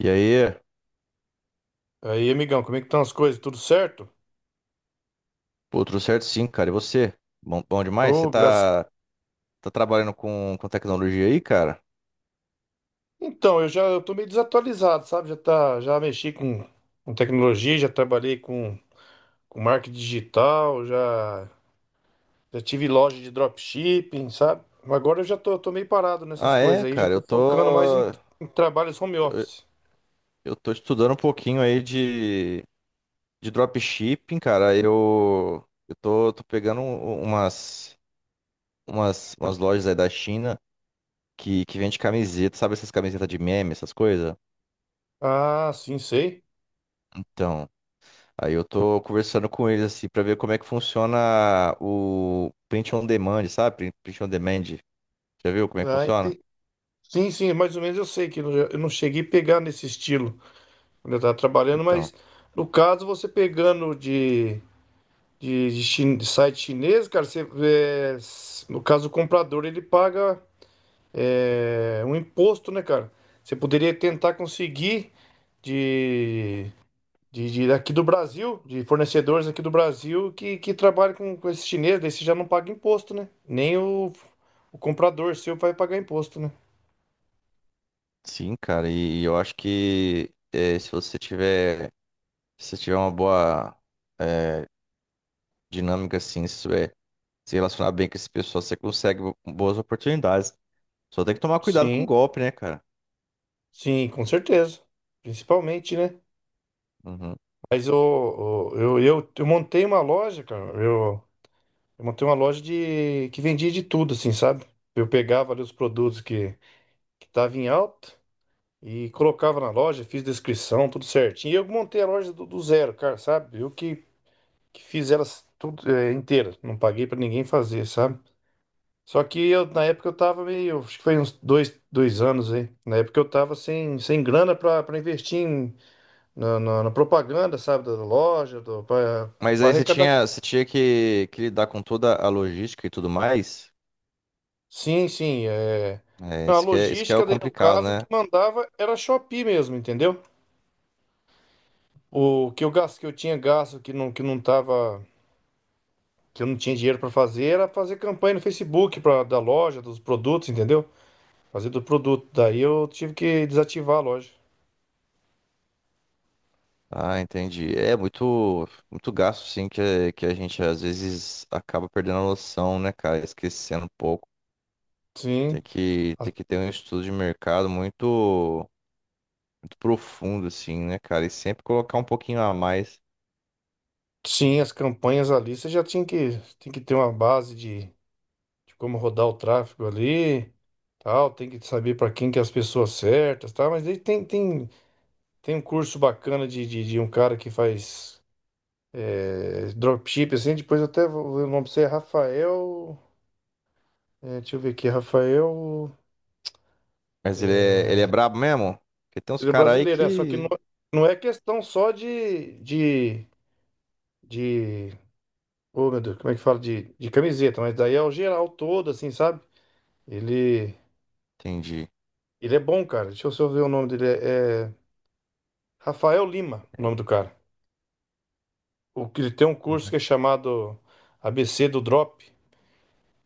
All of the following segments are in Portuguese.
E aí? Aí, amigão, como é que estão as coisas? Tudo certo? Pô, tudo certo sim, cara. E você? Bom, bom demais? Você Ô, graças. tá, tá trabalhando com tecnologia aí, cara? Então, eu tô meio desatualizado, sabe? Já tá, já mexi com tecnologia, já trabalhei com marketing digital, já, já tive loja de dropshipping, sabe? Mas agora eu já tô meio parado nessas Ah, coisas é, aí, já cara. tô focando mais em, em trabalhos home office. Eu tô estudando um pouquinho aí de dropshipping, cara. Eu tô, tô pegando umas, umas lojas aí da China que vende camiseta, sabe essas camisetas de meme, essas coisas? Ah, sim, sei. Então, aí eu tô conversando com eles assim pra ver como é que funciona o print on demand, sabe? Print on demand. Já viu como é que Ah, funciona? ente- Sim, sim, mais ou menos eu sei que eu não cheguei a pegar nesse estilo quando eu estava trabalhando, mas Então, no caso você pegando de de site chinês, cara, você, no caso o comprador ele paga um imposto, né, cara? Você poderia tentar conseguir de, de aqui do Brasil, de fornecedores aqui do Brasil que trabalham com esse chinês, daí você já não paga imposto, né? Nem o, o comprador seu vai pagar imposto, né? sim, cara, e eu acho que se você tiver, se você tiver uma boa eh, dinâmica, assim, se souber se relacionar bem com esse pessoal, você consegue boas oportunidades. Só tem que tomar cuidado com o Sim, golpe, né, cara? sim, com certeza. Principalmente, né? Uhum. Mas o- eu montei uma loja, cara. Eu montei uma loja de que vendia de tudo, assim, sabe? Eu pegava ali os produtos que tava em alta e colocava na loja, fiz descrição, tudo certinho. E eu montei a loja do zero, cara, sabe? Eu que fiz elas tudo inteira, não paguei pra ninguém fazer, sabe? Só que eu, na época eu tava meio, acho que foi uns dois, dois anos aí. Na época eu tava sem, sem grana pra, pra investir na propaganda, sabe? Da loja, do, pra, Mas pra aí arrecadar. Você tinha que lidar com toda a logística e tudo mais. Sim, sim. É, Não, a isso que é, isso que é o logística daí, no complicado, caso, que né? mandava era a Shopee mesmo, entendeu? O que eu gasto, que eu tinha gasto, que não tava, que eu não tinha dinheiro para fazer, era fazer campanha no Facebook pra, da loja, dos produtos, entendeu? Fazer do produto. Daí eu tive que desativar a loja. Ah, entendi. É muito, muito gasto, sim, que a gente às vezes acaba perdendo a noção, né, cara? Esquecendo um pouco. Sim, a- Tem que ter um estudo de mercado muito, muito profundo, assim, né, cara? E sempre colocar um pouquinho a mais. sim, as campanhas ali, você já tinha que, tem que ter uma base de como rodar o tráfego ali, tal, tem que saber para quem que é as pessoas certas, tá? Mas aí tem tem um curso bacana de um cara que faz dropship, assim, depois eu até vou ver o nome pra você, é Rafael. É, deixa eu ver aqui, Rafael. Mas ele é brabo mesmo? Porque tem uns Ele é caras aí brasileiro, é, só que que. não é questão só de. Oh, meu Deus, como é que fala? De camiseta, mas daí é o geral todo, assim, sabe? Ele, Entendi. ele é bom, cara. Deixa eu só ver o nome dele. É Rafael Lima, o nome do cara. Ele tem um curso que é Uhum. chamado ABC do Drop.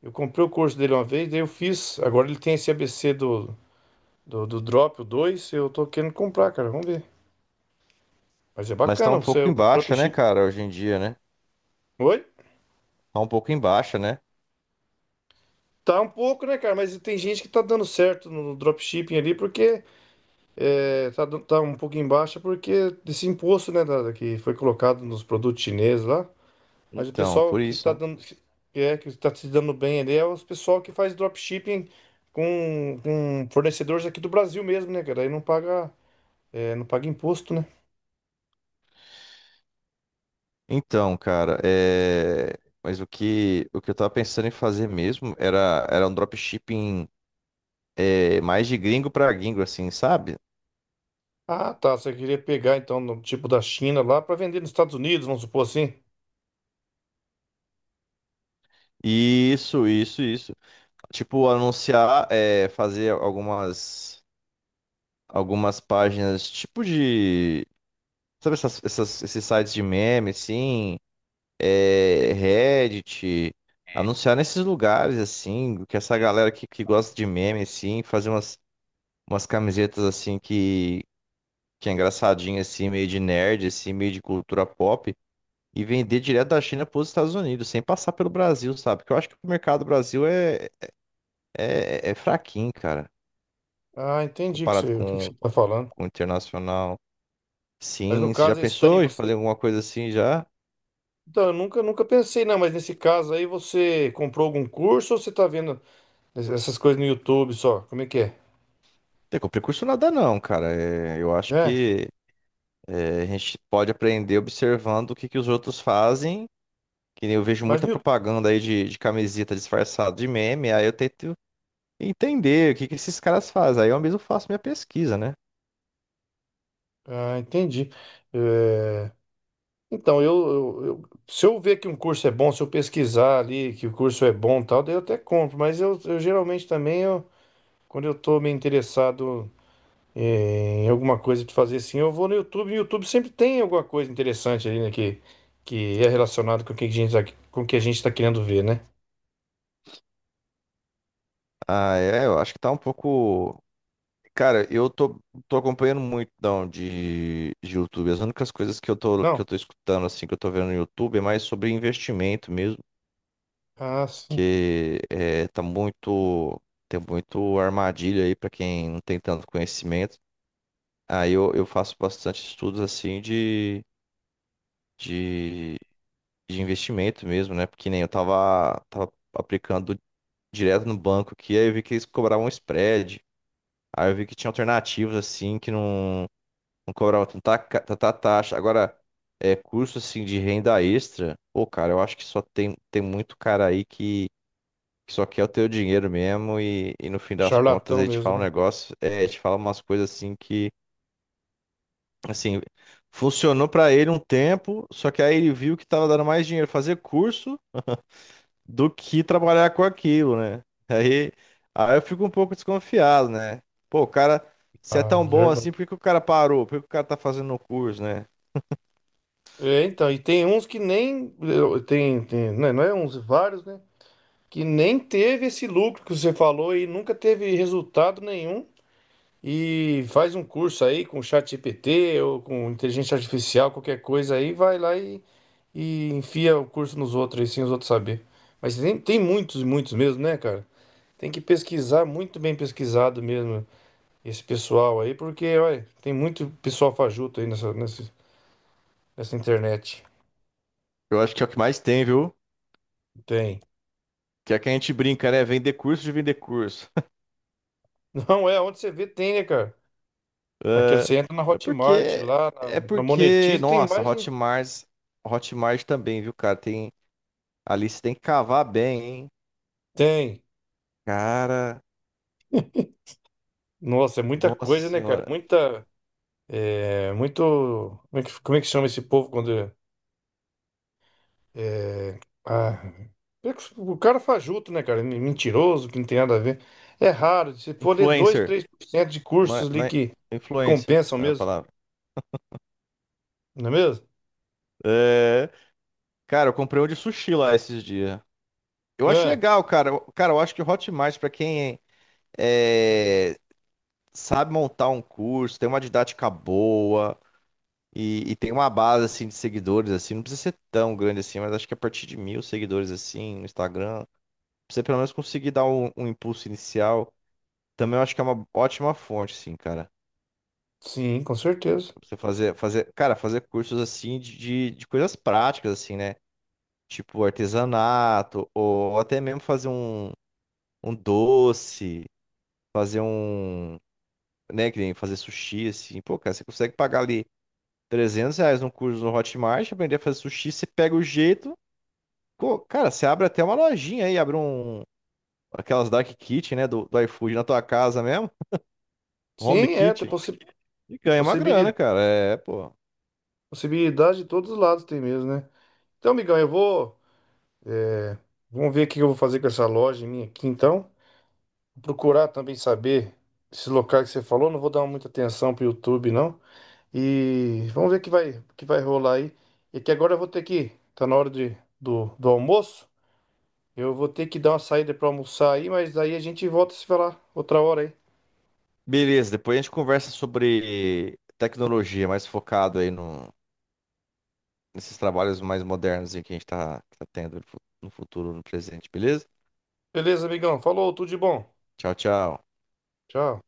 Eu comprei o curso dele uma vez, daí eu fiz. Agora ele tem esse ABC do Drop, o dois. Eu tô querendo comprar, cara. Vamos ver. Mas é Mas tá bacana, um você é pouco o em baixa, né, dropshipping. cara, hoje em dia, né? Oi? Tá um pouco em baixa, né? Tá um pouco, né, cara? Mas tem gente que tá dando certo no dropshipping ali, porque tá um pouco em baixa, porque desse imposto, né, da, que foi colocado nos produtos chineses lá. Mas o Então, pessoal por que isso, tá né? dando, que tá se dando bem ali é os pessoal que faz dropshipping com fornecedores aqui do Brasil mesmo, né, cara? Aí não paga, não paga imposto, né? Então, cara, mas o que eu tava pensando em fazer mesmo era, era um dropshipping mais de gringo pra gringo, assim, sabe? Ah, tá. Você queria pegar então no tipo da China lá para vender nos Estados Unidos, vamos supor assim. Isso, isso, isso. Tipo, anunciar, é, fazer algumas, algumas páginas, tipo de. Sabe essas, esses sites de meme, assim? É, Reddit. Anunciar nesses lugares, assim, que essa galera que gosta de meme, assim, fazer umas, umas camisetas, assim, que é engraçadinha, assim, meio de nerd, assim, meio de cultura pop, e vender direto da China para os Estados Unidos, sem passar pelo Brasil, sabe? Porque eu acho que o mercado do Brasil é fraquinho, cara, Ah, entendi comparado o que você está falando. com internacional. Mas no Sim, você já caso esse daí pensou em você, fazer alguma coisa assim já? então eu nunca, nunca pensei não. Mas nesse caso aí você comprou algum curso ou você está vendo essas coisas no YouTube só? Como é que é? Tem com precurso nada não, cara. É, eu acho É. que é, a gente pode aprender observando o que, que os outros fazem. Que nem eu vejo Mas muita no YouTube. propaganda aí de camiseta disfarçada de meme, aí eu tento entender o que, que esses caras fazem. Aí eu mesmo faço minha pesquisa, né? Ah, entendi. É, então se eu ver que um curso é bom, se eu pesquisar ali que o curso é bom, e tal, daí eu até compro. Mas eu geralmente também eu, quando eu estou me interessado é, em alguma coisa de fazer assim, eu vou no YouTube. O YouTube sempre tem alguma coisa interessante ali, né? Que é relacionado com o que a gente, tá- com o que a gente está querendo ver, né? Ah, é, eu acho que tá um pouco. Cara, eu tô, tô acompanhando muito não, de YouTube. As únicas coisas que eu Não? tô escutando, assim, que eu tô vendo no YouTube é mais sobre investimento mesmo Ah, sim. que é, tá muito, tem muito armadilha aí para quem não tem tanto conhecimento. Aí eu faço bastante estudos assim de, de investimento mesmo, né? Porque nem eu tava, tava aplicando direto no banco aqui, aí eu vi que eles cobravam um spread. Aí eu vi que tinha alternativas assim que não, não cobravam tanta, tanta taxa. Agora, é curso assim de renda extra, pô, cara, eu acho que só tem, tem muito cara aí que só quer o teu dinheiro mesmo e no fim das contas Charlatão ele te mesmo, fala um né? negócio, é, ele te fala umas coisas assim que, assim, funcionou pra ele um tempo, só que aí ele viu que tava dando mais dinheiro fazer curso do que trabalhar com aquilo, né? Aí, aí eu fico um pouco desconfiado, né? Pô, o cara, se é Ah, tão bom assim, verdade. por que que o cara parou? Por que que o cara tá fazendo o curso, né? É, então, e tem uns que nem. Eu- tem, tem, né, não é uns, vários, né? Que nem teve esse lucro que você falou e nunca teve resultado nenhum. E faz um curso aí com o ChatGPT ou com inteligência artificial, qualquer coisa aí, vai lá e enfia o curso nos outros aí, sem os outros saber. Mas tem, tem muitos, muitos mesmo, né, cara? Tem que pesquisar, muito bem pesquisado mesmo, esse pessoal aí, porque, olha, tem muito pessoal fajuto aí nessa internet. Eu acho que é o que mais tem, viu? Tem. Que é que a gente brinca, né? Vender curso de vender curso. Não é, onde você vê tem, né, cara? Naquela, É, você entra na é Hotmart, porque, lá é na porque, Monetize, tem nossa, mais de... Hotmart, Hotmart também, viu, cara? Tem, ali você tem que cavar bem, hein? Tem. Cara, Nossa, é muita nossa coisa, né, cara? senhora. Muita. É muito. Como é que chama esse povo quando. É, é, ah, é que o cara fajuto, né, cara? Mentiroso, que não tem nada a ver. É raro. Se for ler dois Influencer, três por cento de não é, cursos não ali é- que influencer compensam é a mesmo, palavra. não é mesmo? É, cara, eu comprei um de sushi lá esses dias. Eu acho É, legal, cara. Cara, eu acho que o Hotmart, pra quem é, sabe montar um curso, tem uma didática boa, e tem uma base assim de seguidores assim, não precisa ser tão grande assim, mas acho que a partir de 1.000 seguidores assim no Instagram, pra você pelo menos conseguir dar um, um impulso inicial. Também eu acho que é uma ótima fonte, assim, cara. sim, com certeza. Pra você fazer, fazer, cara, fazer cursos assim de coisas práticas, assim, né? Tipo artesanato, ou até mesmo fazer um, um doce, fazer um, né, que nem fazer sushi, assim. Pô, cara, você consegue pagar ali R$ 300 num curso no Hotmart, aprender a fazer sushi, você pega o jeito. Cara, você abre até uma lojinha aí, abre um. Aquelas Dark Kitchen, né? Do iFood na tua casa mesmo. Home Sim, é, tem Kitchen. possi E ganha uma possibilidade, grana, cara. É, pô. possibilidade de todos os lados tem mesmo, né? Então, amigão, eu vou. Vamos ver o que eu vou fazer com essa loja minha aqui, então. Procurar também saber esse local que você falou. Não vou dar muita atenção pro YouTube, não. E vamos ver o que vai rolar aí. É que agora eu vou ter que. Tá na hora do almoço. Eu vou ter que dar uma saída pra almoçar aí, mas aí a gente volta a se falar outra hora aí. Beleza, depois a gente conversa sobre tecnologia, mais focado aí no, nesses trabalhos mais modernos aí que a gente tá, tá tendo no no futuro, no presente, beleza? Beleza, amigão? Falou, tudo de bom. Tchau, tchau. Tchau.